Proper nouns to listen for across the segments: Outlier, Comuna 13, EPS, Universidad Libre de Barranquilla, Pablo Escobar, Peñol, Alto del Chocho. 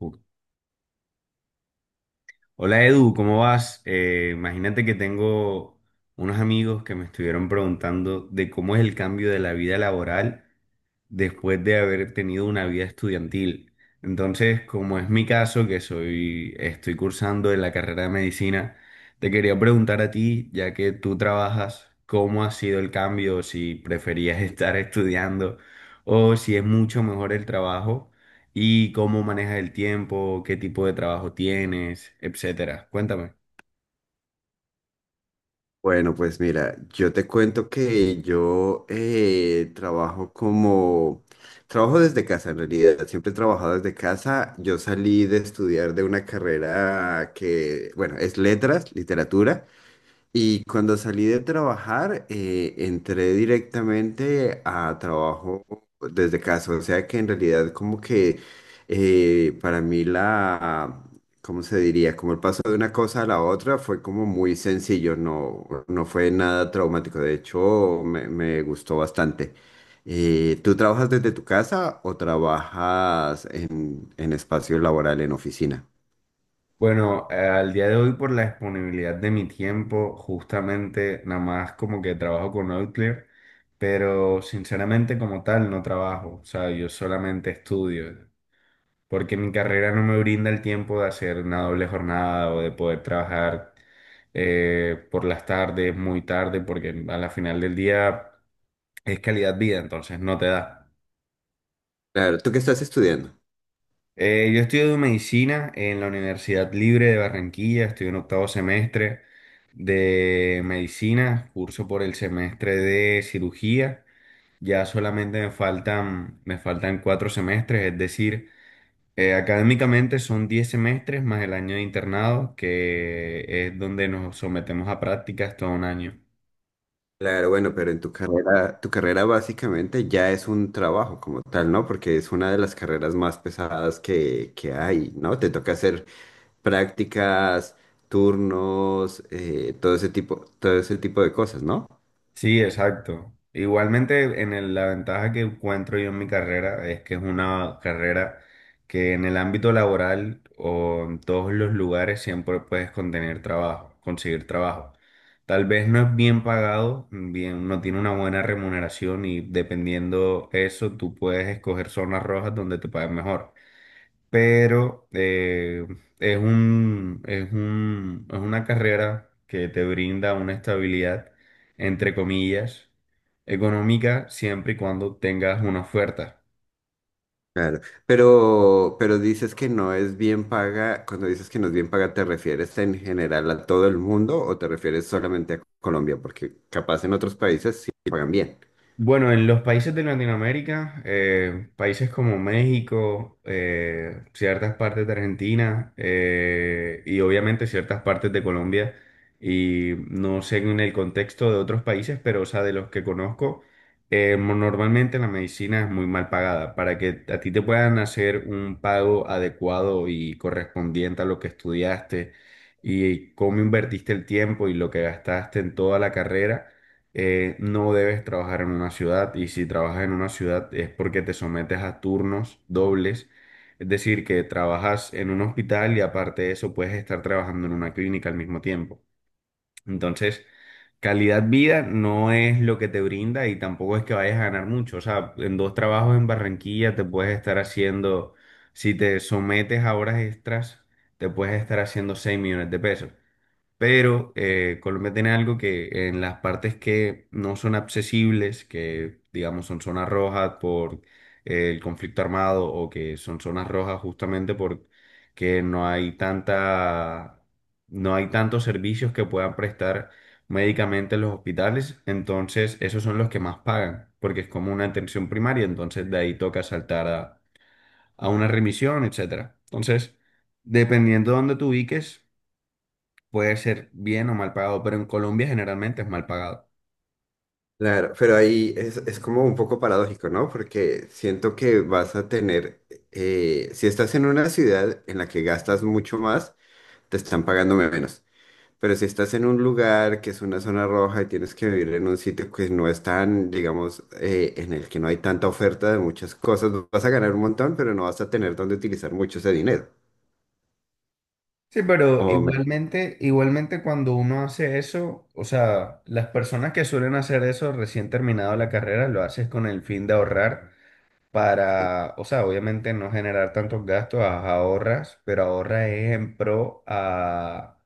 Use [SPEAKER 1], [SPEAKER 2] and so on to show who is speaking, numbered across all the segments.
[SPEAKER 1] Uh. Hola Edu, ¿cómo vas? Imagínate que tengo unos amigos que me estuvieron preguntando de cómo es el cambio de la vida laboral después de haber tenido una vida estudiantil. Entonces, como es mi caso, estoy cursando en la carrera de medicina, te quería preguntar a ti, ya que tú trabajas, ¿cómo ha sido el cambio? Si preferías estar estudiando o si es mucho mejor el trabajo y cómo manejas el tiempo, qué tipo de trabajo tienes, etcétera. Cuéntame.
[SPEAKER 2] Bueno, pues mira, yo te cuento que trabajo desde casa en realidad, siempre he trabajado desde casa. Yo salí de estudiar de una carrera que, bueno, es letras, literatura. Y cuando salí de trabajar, entré directamente a trabajo desde casa. O sea que en realidad como que para mí la, ¿cómo se diría? Como el paso de una cosa a la otra fue como muy sencillo, no fue nada traumático. De hecho, me gustó bastante. ¿Tú trabajas desde tu casa o trabajas en espacio laboral, en oficina?
[SPEAKER 1] Bueno, al día de hoy por la disponibilidad de mi tiempo, justamente nada más como que trabajo con Outlier, pero sinceramente como tal no trabajo, o sea, yo solamente estudio, porque mi carrera no me brinda el tiempo de hacer una doble jornada o de poder trabajar por las tardes, muy tarde, porque a la final del día es calidad vida, entonces no te da.
[SPEAKER 2] Claro, ¿tú qué estás estudiando?
[SPEAKER 1] Yo estudio medicina en la Universidad Libre de Barranquilla, estoy en octavo semestre de medicina, curso por el semestre de cirugía, ya solamente me faltan 4 semestres, es decir, académicamente son 10 semestres más el año de internado, que es donde nos sometemos a prácticas todo un año.
[SPEAKER 2] Claro, bueno, pero en tu carrera básicamente ya es un trabajo como tal, ¿no? Porque es una de las carreras más pesadas que hay, ¿no? Te toca hacer prácticas, turnos, todo ese tipo de cosas, ¿no?
[SPEAKER 1] Sí, exacto. Igualmente, la ventaja que encuentro yo en mi carrera es que es una carrera que en el ámbito laboral o en todos los lugares siempre puedes contener trabajo, conseguir trabajo. Tal vez no es bien pagado, bien, no tiene una buena remuneración y dependiendo eso, tú puedes escoger zonas rojas donde te paguen mejor, pero es una carrera que te brinda una estabilidad, entre comillas, económica siempre y cuando tengas una oferta.
[SPEAKER 2] Claro, pero dices que no es bien paga, cuando dices que no es bien paga, ¿te refieres en general a todo el mundo o te refieres solamente a Colombia? Porque capaz en otros países sí pagan bien.
[SPEAKER 1] Bueno, en los países de Latinoamérica, países como México, ciertas partes de Argentina, y obviamente ciertas partes de Colombia, y no sé en el contexto de otros países, pero o sea, de los que conozco, normalmente la medicina es muy mal pagada. Para que a ti te puedan hacer un pago adecuado y correspondiente a lo que estudiaste y cómo invertiste el tiempo y lo que gastaste en toda la carrera, no debes trabajar en una ciudad y si trabajas en una ciudad es porque te sometes a turnos dobles, es decir, que trabajas en un hospital y aparte de eso puedes estar trabajando en una clínica al mismo tiempo. Entonces, calidad vida no es lo que te brinda y tampoco es que vayas a ganar mucho. O sea, en dos trabajos en Barranquilla te puedes estar haciendo, si te sometes a horas extras, te puedes estar haciendo 6 millones de pesos. Pero Colombia tiene algo que en las partes que no son accesibles, que digamos son zonas rojas por el conflicto armado o que son zonas rojas justamente porque no hay tantos servicios que puedan prestar médicamente en los hospitales, entonces esos son los que más pagan, porque es como una atención primaria, entonces de ahí toca saltar a una remisión, etcétera. Entonces, dependiendo de dónde te ubiques, puede ser bien o mal pagado, pero en Colombia generalmente es mal pagado.
[SPEAKER 2] Claro, pero ahí es como un poco paradójico, ¿no? Porque siento que vas a tener, si estás en una ciudad en la que gastas mucho más, te están pagando menos. Pero si estás en un lugar que es una zona roja y tienes que vivir en un sitio que no es tan, digamos, en el que no hay tanta oferta de muchas cosas, vas a ganar un montón, pero no vas a tener dónde utilizar mucho ese dinero.
[SPEAKER 1] Sí, pero
[SPEAKER 2] O menos,
[SPEAKER 1] igualmente, igualmente cuando uno hace eso, o sea, las personas que suelen hacer eso recién terminado la carrera, lo haces con el fin de ahorrar
[SPEAKER 2] sí,
[SPEAKER 1] o sea, obviamente no generar tantos gastos, ahorras, pero ahorra es en pro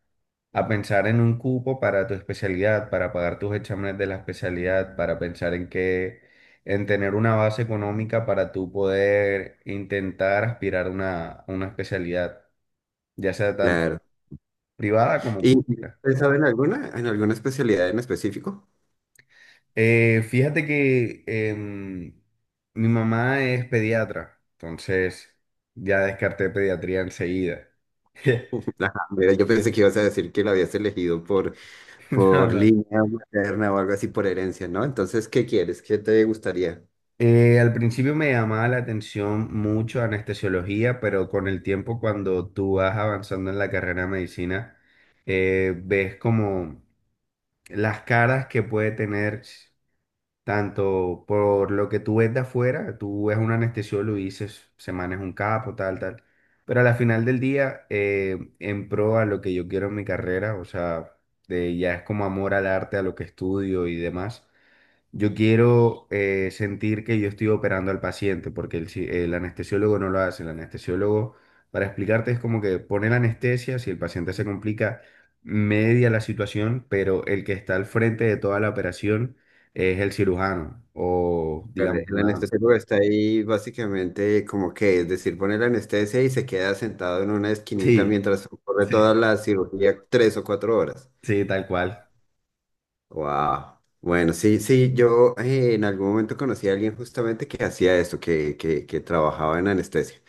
[SPEAKER 1] a pensar en un cupo para tu especialidad, para pagar tus exámenes de la especialidad, para pensar en tener una base económica para tú poder intentar aspirar a una especialidad, ya sea tanto
[SPEAKER 2] claro.
[SPEAKER 1] privada como
[SPEAKER 2] ¿Y
[SPEAKER 1] pública.
[SPEAKER 2] pensaba en alguna especialidad en específico?
[SPEAKER 1] Fíjate que mi mamá es pediatra, entonces ya descarté pediatría enseguida.
[SPEAKER 2] Ajá, mira, yo pensé que ibas a decir que lo habías elegido
[SPEAKER 1] No,
[SPEAKER 2] por
[SPEAKER 1] no.
[SPEAKER 2] línea materna o algo así por herencia, ¿no? Entonces, ¿qué quieres? ¿Qué te gustaría?
[SPEAKER 1] Al principio me llamaba la atención mucho anestesiología, pero con el tiempo cuando tú vas avanzando en la carrera de medicina, ves como las caras que puede tener tanto por lo que tú ves de afuera, tú ves a un anestesiólogo y dices, se maneja un capo, tal, tal. Pero a la final del día, en pro a lo que yo quiero en mi carrera, o sea, ya es como amor al arte, a lo que estudio y demás, yo quiero sentir que yo estoy operando al paciente, porque el anestesiólogo no lo hace. El anestesiólogo, para explicarte, es como que pone la anestesia, si el paciente se complica, media la situación, pero el que está al frente de toda la operación es el cirujano, o
[SPEAKER 2] Claro,
[SPEAKER 1] digamos
[SPEAKER 2] el
[SPEAKER 1] una.
[SPEAKER 2] anestesiólogo está ahí básicamente como que, es decir, pone la anestesia y se queda sentado en una esquinita
[SPEAKER 1] Sí,
[SPEAKER 2] mientras ocurre toda
[SPEAKER 1] sí,
[SPEAKER 2] la cirugía tres o cuatro horas.
[SPEAKER 1] sí, tal cual.
[SPEAKER 2] Wow. Bueno, sí, sí, yo en algún momento conocí a alguien justamente que hacía esto, que trabajaba en anestesia.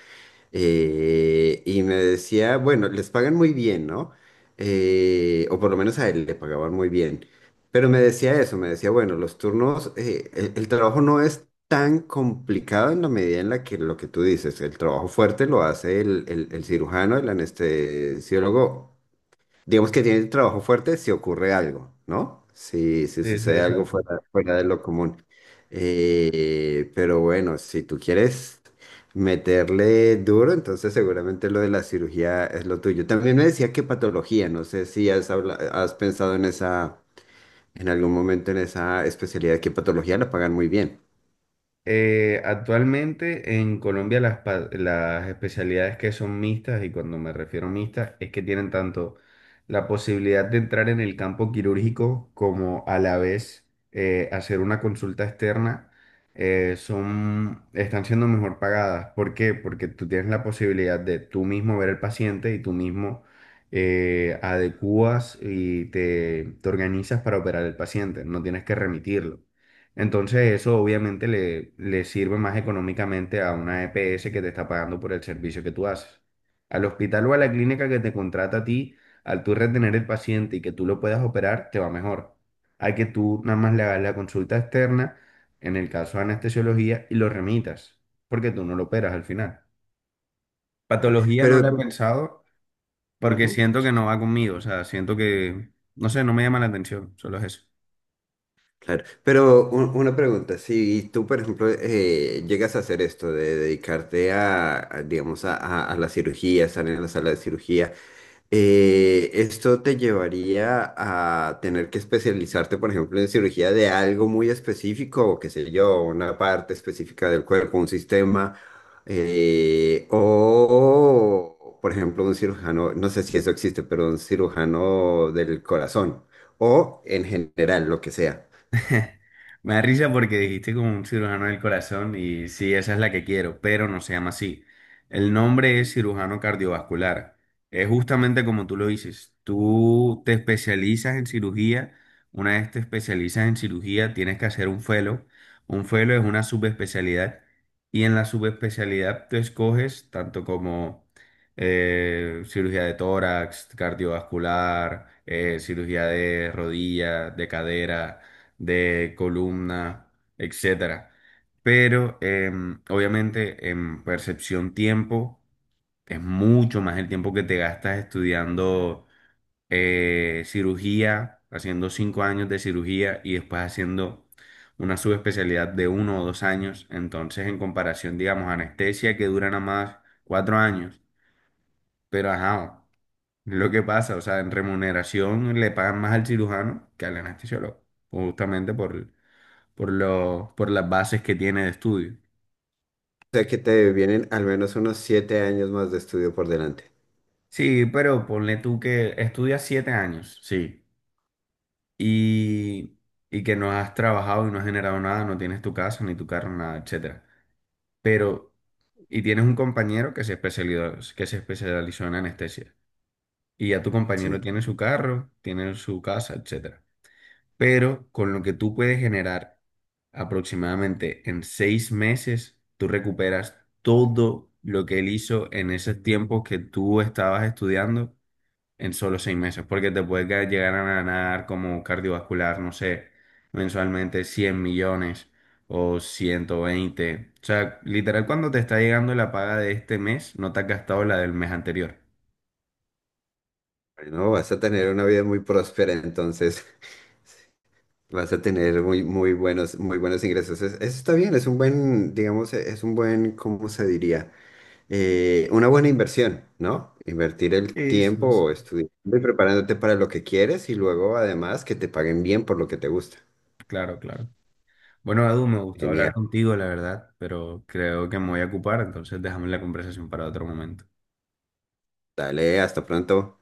[SPEAKER 2] Y me decía, bueno, les pagan muy bien, ¿no? O por lo menos a él le pagaban muy bien. Pero me decía eso, me decía, bueno, los turnos, el trabajo no es tan complicado en la medida en la que lo que tú dices, el trabajo fuerte lo hace el cirujano, el anestesiólogo digamos que tiene trabajo fuerte si ocurre algo, ¿no? Si
[SPEAKER 1] Sí, sí,
[SPEAKER 2] sucede algo
[SPEAKER 1] exacto.
[SPEAKER 2] fuera, fuera de lo común. Pero bueno, si tú quieres meterle duro, entonces seguramente lo de la cirugía es lo tuyo. También me decía que patología, no sé si has, habla- has pensado en esa, en algún momento en esa especialidad, que patología la pagan muy bien.
[SPEAKER 1] Actualmente en Colombia las especialidades que son mixtas, y cuando me refiero a mixtas, es que tienen tanto la posibilidad de entrar en el campo quirúrgico como a la vez hacer una consulta externa, están siendo mejor pagadas. ¿Por qué? Porque tú tienes la posibilidad de tú mismo ver al paciente y tú mismo adecuas y te organizas para operar al paciente, no tienes que remitirlo. Entonces eso obviamente le sirve más económicamente a una EPS que te está pagando por el servicio que tú haces. Al hospital o a la clínica que te contrata a ti, al tú retener el paciente y que tú lo puedas operar, te va mejor. Hay que tú nada más le hagas la consulta externa, en el caso de anestesiología, y lo remitas, porque tú no lo operas al final. Patología no
[SPEAKER 2] Pero,
[SPEAKER 1] la he pensado porque
[SPEAKER 2] ujú.
[SPEAKER 1] siento que no va conmigo, o sea, siento que, no sé, no me llama la atención, solo es eso.
[SPEAKER 2] Claro, pero una pregunta, si tú, por ejemplo, llegas a hacer esto de dedicarte digamos, a la cirugía, estar en la sala de cirugía, ¿esto te llevaría a tener que especializarte, por ejemplo, en cirugía de algo muy específico, o qué sé yo, una parte específica del cuerpo, un sistema, o, por ejemplo, un cirujano, no sé si eso existe, pero un cirujano del corazón, o en general, lo que sea?
[SPEAKER 1] Me da risa porque dijiste como un cirujano del corazón y sí, esa es la que quiero, pero no se llama así. El nombre es cirujano cardiovascular. Es justamente como tú lo dices. Tú te especializas en cirugía. Una vez te especializas en cirugía, tienes que hacer un fellow. Un fellow es una subespecialidad y en la subespecialidad tú escoges tanto como cirugía de tórax, cardiovascular, cirugía de rodilla, de cadera de columna, etcétera. Pero obviamente en percepción tiempo es mucho más el tiempo que te gastas estudiando cirugía, haciendo 5 años de cirugía y después haciendo una subespecialidad de uno o dos años. Entonces, en comparación, digamos, anestesia que dura nada más 4 años. Pero ajá, lo que pasa, o sea, en remuneración le pagan más al cirujano que al anestesiólogo, justamente por las bases que tiene de estudio.
[SPEAKER 2] Sea que te vienen al menos unos 7 años más de estudio por delante.
[SPEAKER 1] Sí, pero ponle tú que estudias 7 años, sí, y, y que no has trabajado y no has generado nada, no tienes tu casa, ni tu carro, nada, etcétera. Pero, y tienes un compañero que se especializó en anestesia. Y ya tu compañero
[SPEAKER 2] Sí.
[SPEAKER 1] tiene su carro, tiene su casa, etcétera. Pero con lo que tú puedes generar aproximadamente en 6 meses, tú recuperas todo lo que él hizo en esos tiempos que tú estabas estudiando en solo 6 meses, porque te puedes llegar a ganar como cardiovascular, no sé, mensualmente 100 millones o 120. O sea, literal, cuando te está llegando la paga de este mes, no te has gastado la del mes anterior.
[SPEAKER 2] Bueno, vas a tener una vida muy próspera, entonces vas a tener muy buenos ingresos. Es- eso está bien, es un buen, digamos, e- es un buen, ¿cómo se diría? Una buena inversión, ¿no? Invertir el
[SPEAKER 1] Sí, sí, sí.
[SPEAKER 2] tiempo estudiando y preparándote para lo que quieres y luego además que te paguen bien por lo que te gusta.
[SPEAKER 1] Claro, claro. Bueno, Edu, me gustó
[SPEAKER 2] Genial.
[SPEAKER 1] hablar contigo, la verdad, pero creo que me voy a ocupar, entonces dejamos la conversación para otro momento.
[SPEAKER 2] Dale, hasta pronto.